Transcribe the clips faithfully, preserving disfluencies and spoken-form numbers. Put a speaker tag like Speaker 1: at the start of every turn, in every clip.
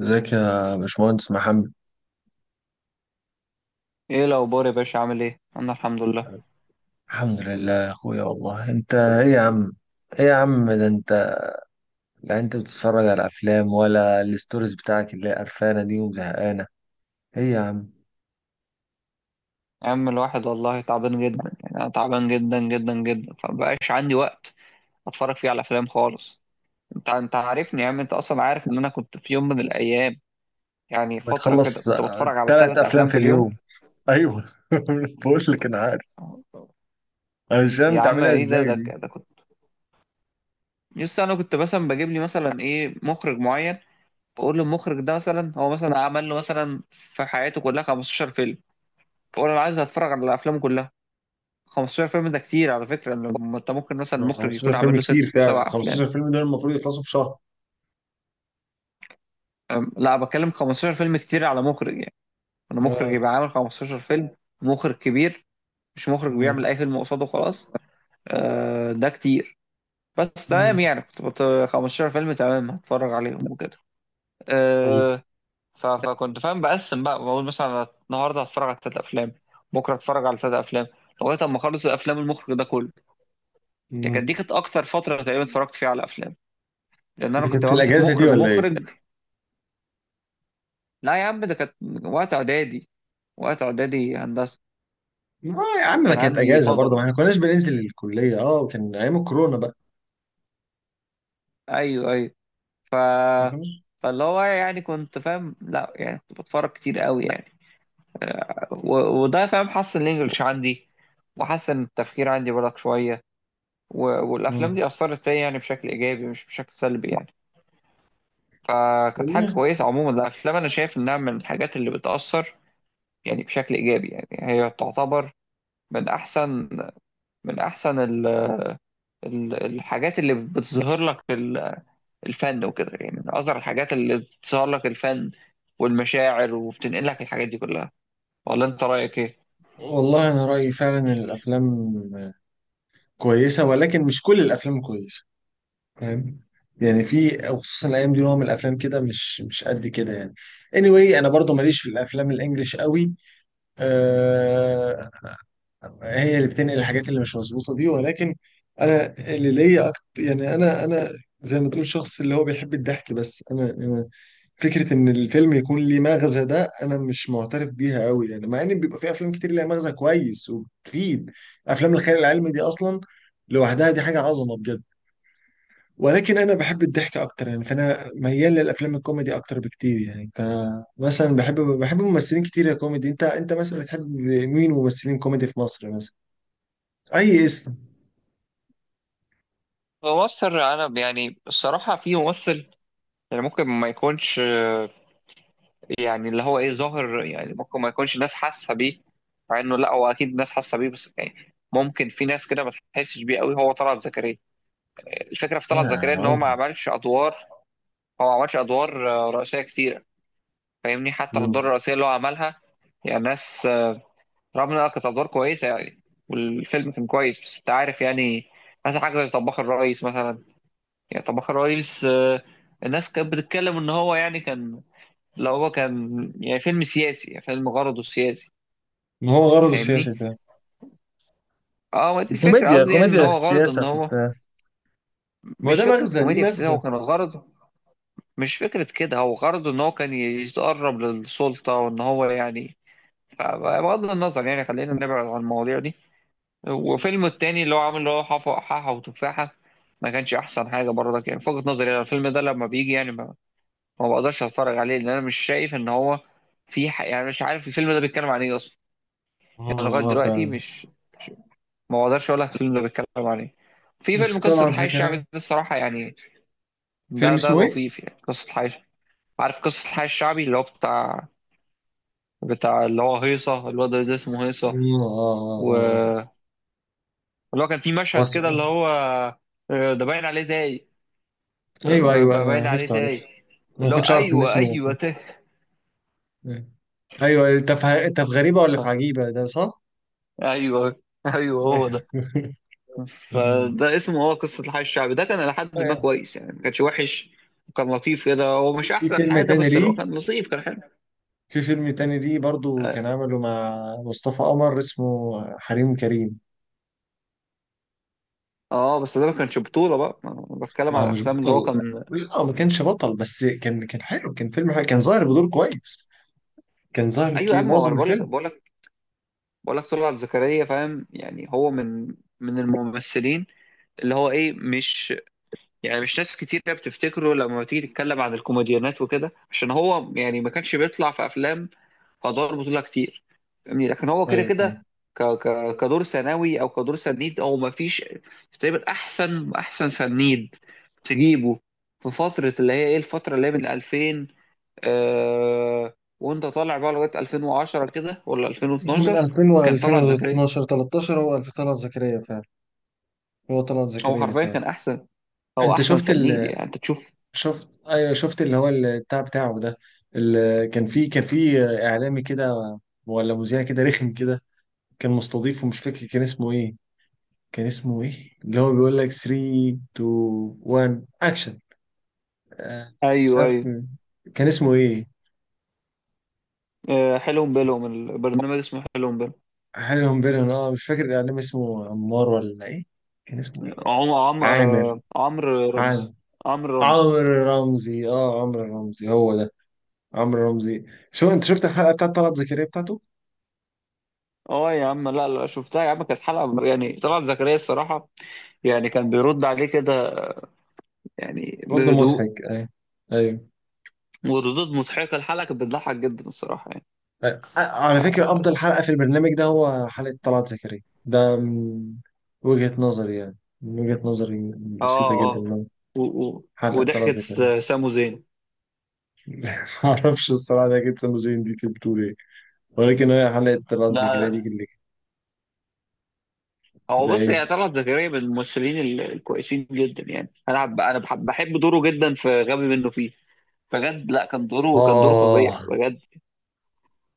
Speaker 1: ازيك يا باشمهندس محمد.
Speaker 2: ايه الاخبار يا باشا؟ عامل ايه؟ انا الحمد لله.
Speaker 1: الحمد لله يا اخويا، والله انت ايه يا عم؟ ايه يا عم ده انت؟ لا، انت بتتفرج على افلام ولا الستوريز بتاعك اللي هي قرفانه دي وزهقانه؟ ايه يا عم؟
Speaker 2: يا عم الواحد والله تعبان جدا. يعني انا تعبان جدا جدا جدا، فمبقاش عندي وقت اتفرج فيه على افلام خالص. انت انت عارفني يا عم، انت اصلا عارف ان انا كنت في يوم من الايام، يعني
Speaker 1: ما
Speaker 2: فتره كده،
Speaker 1: تخلص.
Speaker 2: كنت بتفرج على
Speaker 1: ثلاث
Speaker 2: ثلاث
Speaker 1: افلام
Speaker 2: افلام
Speaker 1: في
Speaker 2: في اليوم.
Speaker 1: اليوم؟ ايوه. بقول لك انا عارف. انا مش فاهم
Speaker 2: يا عم
Speaker 1: بتعملها
Speaker 2: ايه ده؟
Speaker 1: ازاي
Speaker 2: ده,
Speaker 1: دي.
Speaker 2: ده كنت لسه انا كنت مثلا بجيب لي مثلا ايه، مخرج معين. بقول له المخرج ده مثلا هو مثلا عمل له مثلا في حياته كلها خمسة عشر فيلم، بقول له انا عايز اتفرج على افلامه كلها. خمسة عشر فيلم ده كتير على فكرة، لما انت ممكن مثلا
Speaker 1: ما
Speaker 2: المخرج
Speaker 1: خمستاشر
Speaker 2: يكون عامل
Speaker 1: فيلم
Speaker 2: له ست
Speaker 1: كتير فعلا،
Speaker 2: سبع افلام
Speaker 1: خمسة عشر فيلم دول المفروض يخلصوا في شهر.
Speaker 2: أم، لا، بتكلم خمستاشر فيلم كتير على مخرج يعني. انا مخرج
Speaker 1: اه.
Speaker 2: يبقى عامل خمستاشر فيلم، مخرج كبير، مش مخرج
Speaker 1: مم.
Speaker 2: بيعمل اي فيلم قصاده وخلاص. أه ده كتير. بس تمام،
Speaker 1: مم.
Speaker 2: يعني كنت بت، خمستاشر فيلم تمام، هتفرج عليهم وكده.
Speaker 1: طيب.
Speaker 2: أه. ف- فكنت فاهم، بقسم بقى، بقول مثلا أنا النهارده هتفرج على ثلاث افلام، بكره هتفرج على ثلاث افلام، لغايه اما اخلص الافلام المخرج ده كله. يعني كانت دي
Speaker 1: مم.
Speaker 2: كانت اكتر فتره تقريبا اتفرجت فيها على افلام، لان انا
Speaker 1: دي
Speaker 2: كنت
Speaker 1: كانت
Speaker 2: بمسك
Speaker 1: الاجازه دي
Speaker 2: مخرج
Speaker 1: ولا ايه؟
Speaker 2: مخرج لا يا عم ده كانت وقت اعدادي، وقت اعدادي هندسه.
Speaker 1: ما يا عم ما
Speaker 2: كان
Speaker 1: كانت
Speaker 2: عندي
Speaker 1: اجازه
Speaker 2: فضا
Speaker 1: برضه، ما احنا
Speaker 2: بقى.
Speaker 1: كناش بننزل الكليه، اه، وكان ايام الكورونا بقى.
Speaker 2: ايوه ايوه. ف
Speaker 1: ما كناش.
Speaker 2: فاللي هو يعني كنت فاهم، لا يعني كنت بتفرج كتير قوي يعني. و... وده فاهم حسن الانجليش عندي، وحسن التفكير عندي بالك شويه. و... والافلام
Speaker 1: مم.
Speaker 2: دي اثرت فيا يعني بشكل ايجابي مش بشكل سلبي يعني. فكانت حاجه
Speaker 1: والله.
Speaker 2: كويسه. عموما الافلام انا شايف انها من الحاجات اللي بتاثر يعني بشكل ايجابي يعني. هي تعتبر من احسن، من احسن ال- ال- الحاجات اللي بتظهر لك ال- الفن وكده، يعني من اصغر الحاجات اللي بتظهر لك الفن والمشاعر وبتنقل لك الحاجات دي كلها. ولا انت رايك ايه؟
Speaker 1: والله انا رايي فعلا إن الافلام كويسه ولكن مش كل الافلام كويسه. فاهم. يعني في خصوصا الايام دي نوع من الافلام كده مش مش قد كده يعني. Anyway انا برضه ماليش في الافلام الانجليش قوي. أه. هي اللي بتنقل الحاجات اللي مش مظبوطه دي، ولكن انا اللي ليا أكتر يعني انا انا. زي ما تقول شخص اللي هو بيحب الضحك، بس انا انا فكره ان الفيلم يكون ليه مغزى ده انا مش معترف بيها قوي يعني، مع ان بيبقى في افلام كتير ليها مغزى كويس وبتفيد. افلام الخيال العلمي دي اصلا لوحدها دي حاجه عظمه بجد، ولكن انا بحب الضحك اكتر يعني، فانا ميال للافلام الكوميدي اكتر بكتير يعني. فمثلا بحب بحب ممثلين كتير يا كوميدي. انت انت مثلا بتحب مين ممثلين كوميدي في مصر مثلا؟ اي اسم؟
Speaker 2: ممثل، انا يعني الصراحه في ممثل، يعني ممكن ما يكونش آه، يعني اللي هو ايه، ظاهر يعني، ممكن ما يكونش الناس حاسه بيه، مع انه لا هو اكيد الناس حاسه بيه، بس يعني ممكن في ناس كده ما تحسش بيه قوي، هو طلعت زكريا. الفكره في
Speaker 1: يا
Speaker 2: طلعت زكريا ان هو
Speaker 1: راجل.
Speaker 2: ما عملش ادوار، هو ما عملش ادوار آه، رئيسيه كتير. فاهمني؟ حتى الأدوار
Speaker 1: مم.
Speaker 2: الرئيسية اللي هو عملها، يعني ناس، رغم إنها كانت أدوار كويسة يعني، والفيلم كان كويس، بس أنت عارف يعني. مثلا حاجة زي طباخ الرئيس مثلا، يعني طباخ الرئيس آه، الناس كانت بتتكلم إن هو يعني كان، لو هو كان يعني فيلم سياسي، يعني فيلم غرضه سياسي.
Speaker 1: ما هو غرضه السياسي
Speaker 2: فاهمني؟
Speaker 1: ده.
Speaker 2: اه ما دي الفكرة،
Speaker 1: كوميديا،
Speaker 2: قصدي يعني إن
Speaker 1: كوميديا في
Speaker 2: هو غرضه
Speaker 1: السياسة
Speaker 2: إن
Speaker 1: في
Speaker 2: هو،
Speaker 1: بتاع. ما هو
Speaker 2: مش
Speaker 1: ده
Speaker 2: فكرة
Speaker 1: مغزى، ليه
Speaker 2: كوميديا في السياسة،
Speaker 1: مغزى.
Speaker 2: هو كان غرضه، مش فكرة كده، هو غرضه إن هو كان يتقرب للسلطة وإن هو يعني. فبغض النظر، يعني خلينا نبعد عن المواضيع دي.
Speaker 1: مم.
Speaker 2: وفيلم التاني اللي هو عامل اللي هو حفا حاحة وتفاحة، ما كانش أحسن حاجة برضك يعني، في وجهة نظري أنا الفيلم ده لما بيجي يعني ما, ما بقدرش أتفرج عليه، لأن أنا مش شايف إن هو في ح... يعني مش عارف الفيلم ده بيتكلم عن إيه أصلا.
Speaker 1: اه،
Speaker 2: يعني لغاية
Speaker 1: اه،
Speaker 2: دلوقتي
Speaker 1: فعلا.
Speaker 2: مش مش- ما بقدرش أقول لك الفيلم ده بيتكلم عن إيه. في
Speaker 1: بس
Speaker 2: فيلم قصة
Speaker 1: طبعا
Speaker 2: الحي الشعبي
Speaker 1: زكريا.
Speaker 2: ده الصراحة يعني،
Speaker 1: فيلم
Speaker 2: ده ده
Speaker 1: اسمه ايه؟
Speaker 2: لطيف يعني، قصة الحي. عارف قصة الحي الشعبي اللي هو بتاع، بتاع اللي هو هيصة، الواد ده اسمه هيصة.
Speaker 1: مم، اه، اه. اه،
Speaker 2: و-
Speaker 1: آه.
Speaker 2: واللي هو كان في مشهد
Speaker 1: وس...
Speaker 2: كده اللي هو آه، ده باين عليه زي، ب-
Speaker 1: ايوه
Speaker 2: ب-
Speaker 1: ايوه، انا
Speaker 2: باين عليه
Speaker 1: عرفته
Speaker 2: تايه.
Speaker 1: عرفته. أنا ما
Speaker 2: اللي هو
Speaker 1: كنتش اعرف ان
Speaker 2: ايوه
Speaker 1: اسمه.
Speaker 2: ايوه تاه.
Speaker 1: ايوه. أيوة، انت في انت في غريبه ولا
Speaker 2: ف...
Speaker 1: في عجيبه ده؟ صح؟
Speaker 2: ايوه ايوه
Speaker 1: أيوة.
Speaker 2: هو ده. فده اسمه، هو قصه الحي الشعبي ده كان لحد ما كويس يعني، ما كانش وحش، كان لطيف كده، هو مش
Speaker 1: في في
Speaker 2: احسن
Speaker 1: فيلم
Speaker 2: حاجه،
Speaker 1: تاني
Speaker 2: بس لو
Speaker 1: ليه؟
Speaker 2: كان لطيف كان حلو.
Speaker 1: في فيلم تاني ليه برضو
Speaker 2: اه.
Speaker 1: كان عمله مع مصطفى قمر، اسمه حريم كريم.
Speaker 2: آه، بس ده ما كانش بطوله بقى، أنا بتكلم
Speaker 1: ما
Speaker 2: على
Speaker 1: هو مش
Speaker 2: الافلام اللي هو
Speaker 1: بطل.
Speaker 2: كان.
Speaker 1: اه، ما كانش بطل، بس كان كان حلو، كان فيلم حلو، كان ظاهر بدور كويس. كان ظاهر
Speaker 2: ايوه يا
Speaker 1: كي
Speaker 2: عم هو أنا
Speaker 1: معظم
Speaker 2: بقول لك
Speaker 1: الفيلم.
Speaker 2: بقول لك بقول لك طلعت زكريا، فاهم يعني هو من من الممثلين اللي هو ايه، مش يعني مش ناس كتير بتفتكره لما تيجي تتكلم عن الكوميديانات وكده، عشان هو يعني ما كانش بيطلع في افلام ادوار بطوله كتير، يعني لكن هو كده
Speaker 1: ايوه، فاهم.
Speaker 2: كده ك... ك... كدور ثانوي او كدور سنيد، او ما فيش تقريبا احسن، احسن سنيد تجيبه في فتره اللي هي ايه، الفتره اللي هي من ألفين، آه... وانت طالع بقى لغايه ألفين وعشرة كده ولا
Speaker 1: هو من
Speaker 2: ألفين واثنا عشر.
Speaker 1: ألفين و
Speaker 2: كان طلعت زكريا،
Speaker 1: ألفين واتناشر، تلتاشر، هو ألفين طلعت زكريا فعلا. هو طلعت
Speaker 2: هو
Speaker 1: زكريا
Speaker 2: حرفيا
Speaker 1: فعلا.
Speaker 2: كان احسن، هو
Speaker 1: انت
Speaker 2: احسن
Speaker 1: شفت
Speaker 2: سنيد
Speaker 1: ال
Speaker 2: يعني، انت تشوف.
Speaker 1: شفت ايوه، شفت اللي هو البتاع بتاعه ده، اللي كان فيه كان فيه اعلامي كده، ولا مذيع كده رخم كده. كان مستضيفه، مش فاكر كان اسمه ايه. كان اسمه ايه اللي هو بيقول لك تلاتة اتنين واحد اكشن؟ آه، مش
Speaker 2: ايوه
Speaker 1: عارف
Speaker 2: ايوه.
Speaker 1: مين. كان اسمه ايه؟
Speaker 2: آه، حلو بالهم، البرنامج اسمه حلو بالهم.
Speaker 1: حالهم بينهم. اه، مش فاكر الاعلام اسمه عمار ولا ايه. كان اسمه ايه؟
Speaker 2: عم عم
Speaker 1: عامر،
Speaker 2: آه، عمرو رمزي،
Speaker 1: عامر،
Speaker 2: عمرو رمزي.
Speaker 1: عمرو رمزي. اه، عمرو رمزي هو ده. عمرو رمزي. شو انت شفت الحلقه بتاعت طلعت زكريا بتاعته؟
Speaker 2: اه يا عم، لا لا شفتها يا عم، كانت حلقه يعني طلعت زكريا الصراحه، يعني كان بيرد عليه كده يعني
Speaker 1: رد
Speaker 2: بهدوء،
Speaker 1: مضحك، ايوه. ايوه.
Speaker 2: وردود مضحكه. الحلقه كانت بتضحك جدا الصراحه يعني.
Speaker 1: آه،
Speaker 2: ف
Speaker 1: على فكره
Speaker 2: اه
Speaker 1: افضل حلقه في البرنامج ده هو حلقه طلعت زكريا ده، من وجهه نظري، يعني من وجهه نظري. بسيطه جدا،
Speaker 2: اه.
Speaker 1: إن
Speaker 2: و... و...
Speaker 1: حلقه طلعت
Speaker 2: وضحكه
Speaker 1: زكريا.
Speaker 2: سامو زين.
Speaker 1: معرفش الصراحه ده، كانت سموزين دي كانت بتقول إيه. ولكن هي حلقة طلعت زكريا دي
Speaker 2: لا
Speaker 1: اللي كانت-
Speaker 2: هو
Speaker 1: ده
Speaker 2: بص،
Speaker 1: ايه؟
Speaker 2: هي طلعت زكريا من الممثلين ال- الكويسين جدا يعني. انا بحب- انا بحب بحب دوره جدا في غبي منه فيه، بجد. لا كان دوره كان دوره
Speaker 1: آه.
Speaker 2: فظيع بجد.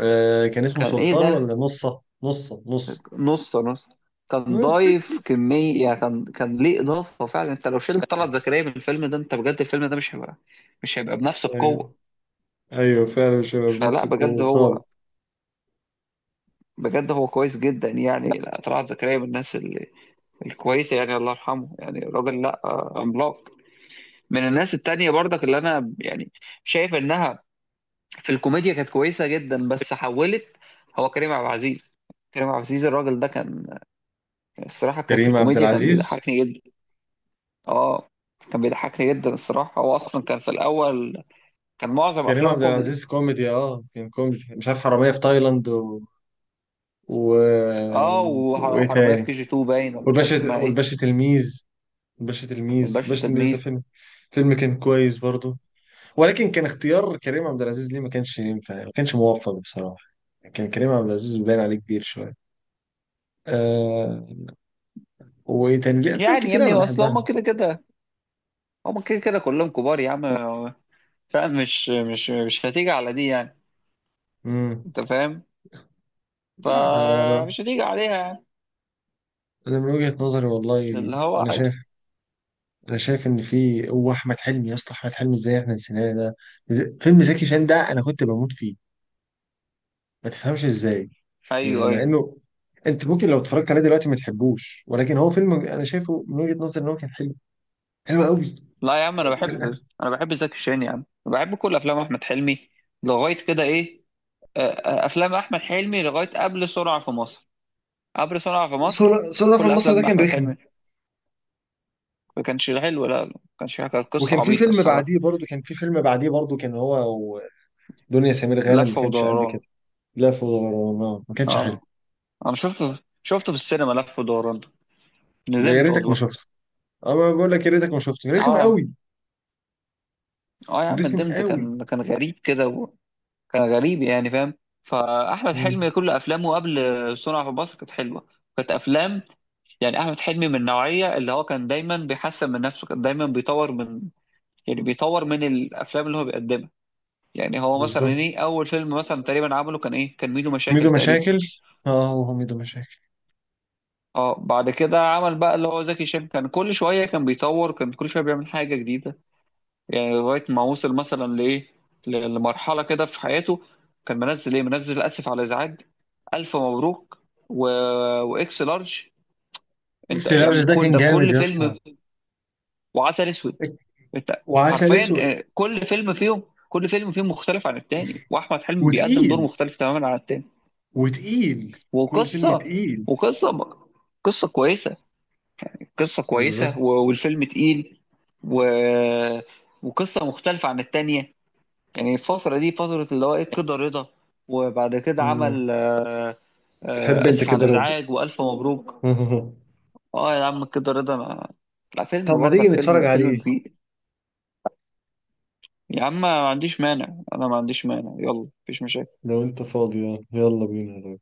Speaker 1: آه، كان اسمه
Speaker 2: كان ايه
Speaker 1: سلطان،
Speaker 2: ده،
Speaker 1: ولا نصة، نصة، نص؟
Speaker 2: نص نص. كان ضايف كمية يعني، كان كان ليه إضافة فعلا، انت لو شلت طلعت زكريا من الفيلم ده، انت بجد الفيلم ده مش هيبقى، مش هيبقى بنفس
Speaker 1: ايوه
Speaker 2: القوة.
Speaker 1: ايوه، فعلا شباب نفس
Speaker 2: فلا بجد ايوه
Speaker 1: الكوميدي
Speaker 2: هو،
Speaker 1: خالص.
Speaker 2: بجد هو كويس جدا يعني. لا طلعت زكريا من الناس ال- الكويسة يعني، الله يرحمه، يعني راجل لا آه، عملاق. من الناس التانية برضك اللي أنا يعني شايف إنها في الكوميديا كانت كويسة جدا بس حولت، هو كريم عبد العزيز. كريم عبد العزيز الراجل ده كان الصراحة كان في
Speaker 1: كريم عبد
Speaker 2: الكوميديا كان
Speaker 1: العزيز.
Speaker 2: بيضحكني جدا. اه كان بيضحكني جدا الصراحة، هو أصلا كان في الأول كان معظم
Speaker 1: كريم
Speaker 2: أفلامه
Speaker 1: عبد
Speaker 2: كوميدي.
Speaker 1: العزيز كوميدي، اه كان كوميدي، مش عارف حرامية في تايلاند و... و...
Speaker 2: اه وحر-
Speaker 1: وايه
Speaker 2: وحرامية في كي
Speaker 1: تاني؟
Speaker 2: جي اتنين باين، ولا مش عارف
Speaker 1: والباشا
Speaker 2: اسمها ايه.
Speaker 1: والباشا تلميذ. الباشا تلميذ،
Speaker 2: والباشا
Speaker 1: الباشا تلميذ ده
Speaker 2: التلميذ.
Speaker 1: فيلم، فيلم كان كويس برضو، ولكن كان اختيار كريم عبد العزيز ليه ما كانش ينفع، ما كانش موفق بصراحة. كان كريم عبد العزيز باين عليه كبير شوية. آه. وإيه تاني ليه أفلام
Speaker 2: يعني يا
Speaker 1: كتير
Speaker 2: ابني
Speaker 1: أنا
Speaker 2: أصل
Speaker 1: بحبها.
Speaker 2: هما كده كده، هما كده كده كلهم كبار يا عم، فاهم. مش مش مش هتيجي على دي يعني.
Speaker 1: مم.
Speaker 2: أنت فاهم،
Speaker 1: لا، أنا أنا
Speaker 2: فمش هتيجي عليها يعني،
Speaker 1: أنا من وجهة نظري والله.
Speaker 2: اللي هو
Speaker 1: أنا
Speaker 2: عادي.
Speaker 1: شايف، أنا شايف إن في هو أحمد حلمي، يا اسطى، أحمد حلمي إزاي إحنا نسيناه ده؟ فيلم زكي شان ده أنا كنت بموت فيه. ما تفهمش إزاي. يعني
Speaker 2: أيوه
Speaker 1: مع
Speaker 2: أيوه.
Speaker 1: إنه أنت ممكن لو اتفرجت عليه دلوقتي ما تحبوش، ولكن هو فيلم أنا شايفه من وجهة نظري إن هو كان حلو، حلو قوي.
Speaker 2: لا يا عم أنا بحب،
Speaker 1: من-
Speaker 2: أنا بحب زكي شان يا عم، بحب كل أفلام أحمد حلمي لغاية كده إيه آه، آه، أفلام أحمد حلمي لغاية قبل سرعة في مصر، عبر صنع في مصر.
Speaker 1: صورة صورة في
Speaker 2: كل
Speaker 1: مصر ده
Speaker 2: افلام
Speaker 1: كان
Speaker 2: احمد
Speaker 1: رخم.
Speaker 2: حلمي، ما كانش حلو، لا ما كانش حلو، كانت قصه
Speaker 1: وكان في
Speaker 2: عبيطه
Speaker 1: فيلم
Speaker 2: الصراحه.
Speaker 1: بعديه برضه، كان في فيلم بعديه برضه، كان هو ودنيا سمير غانم
Speaker 2: لف
Speaker 1: ما كانش قد
Speaker 2: ودوران.
Speaker 1: كده. لف ودوران ما كانش حلو.
Speaker 2: اه انا شفته شفته في السينما لف ودوران ده.
Speaker 1: يا
Speaker 2: ندمت
Speaker 1: ريتك ما
Speaker 2: والله.
Speaker 1: شفته. انا بقول لك يا ريتك ما شفته، رخم
Speaker 2: اه يا عم،
Speaker 1: قوي،
Speaker 2: اه يا عم
Speaker 1: رخم
Speaker 2: ندمت،
Speaker 1: قوي.
Speaker 2: كان كان غريب كده وكان غريب يعني، فاهم. فاحمد
Speaker 1: مم.
Speaker 2: حلمي كل افلامه قبل صنع في مصر كانت حلوه، كانت افلام يعني. احمد حلمي من النوعيه اللي هو كان دايما بيحسن من نفسه، كان دايما بيطور من، يعني بيطور من الافلام اللي هو بيقدمها. يعني هو مثلا
Speaker 1: بالظبط.
Speaker 2: ايه اول فيلم مثلا تقريبا عمله كان ايه، كان ميدو مشاكل
Speaker 1: ميدو
Speaker 2: تقريبا.
Speaker 1: مشاكل. اه، هو ميدو مشاكل.
Speaker 2: اه بعد كده عمل بقى اللي هو زكي شان، كان كل شويه كان بيطور، كان كل شويه بيعمل حاجه جديده، يعني لغايه ما وصل مثلا لايه، ل- لمرحله كده في حياته كان منزل ايه، منزل اسف على الازعاج، الف مبروك، و... واكس لارج. انت
Speaker 1: اكس لارج
Speaker 2: يعني
Speaker 1: ده
Speaker 2: كل
Speaker 1: كان
Speaker 2: ده
Speaker 1: جامد
Speaker 2: كل
Speaker 1: يا اسطى.
Speaker 2: فيلم، وعسل اسود. انت
Speaker 1: وعسل
Speaker 2: حرفيا
Speaker 1: اسود.
Speaker 2: آه، كل فيلم فيهم، كل فيلم فيهم مختلف عن التاني، واحمد حلمي بيقدم دور
Speaker 1: وتقيل.
Speaker 2: مختلف تماما عن التاني.
Speaker 1: وتقيل، كل فيلم
Speaker 2: وقصة
Speaker 1: تقيل.
Speaker 2: وقصة قصة كويسة، قصة
Speaker 1: بالظبط.
Speaker 2: كويسة، و- والفيلم تقيل، و... وقصة مختلفة عن التانية. يعني الفترة دي فترة اللي هو ايه، كده رضا، وبعد كده
Speaker 1: مم.
Speaker 2: عمل آه،
Speaker 1: تحب
Speaker 2: آه،
Speaker 1: انت
Speaker 2: آسف على
Speaker 1: كده رضا؟
Speaker 2: الإزعاج، وألف مبروك. اه يا عم كده رضا أنا، لا
Speaker 1: طب
Speaker 2: فيلم
Speaker 1: ما تيجي
Speaker 2: برضك،
Speaker 1: نتفرج
Speaker 2: فيلم
Speaker 1: عليه؟
Speaker 2: فيلم كبير. يا عم ما عنديش مانع، انا ما عنديش مانع، يلا مفيش مشاكل.
Speaker 1: لو انت فاضي يعني. يلا بينا.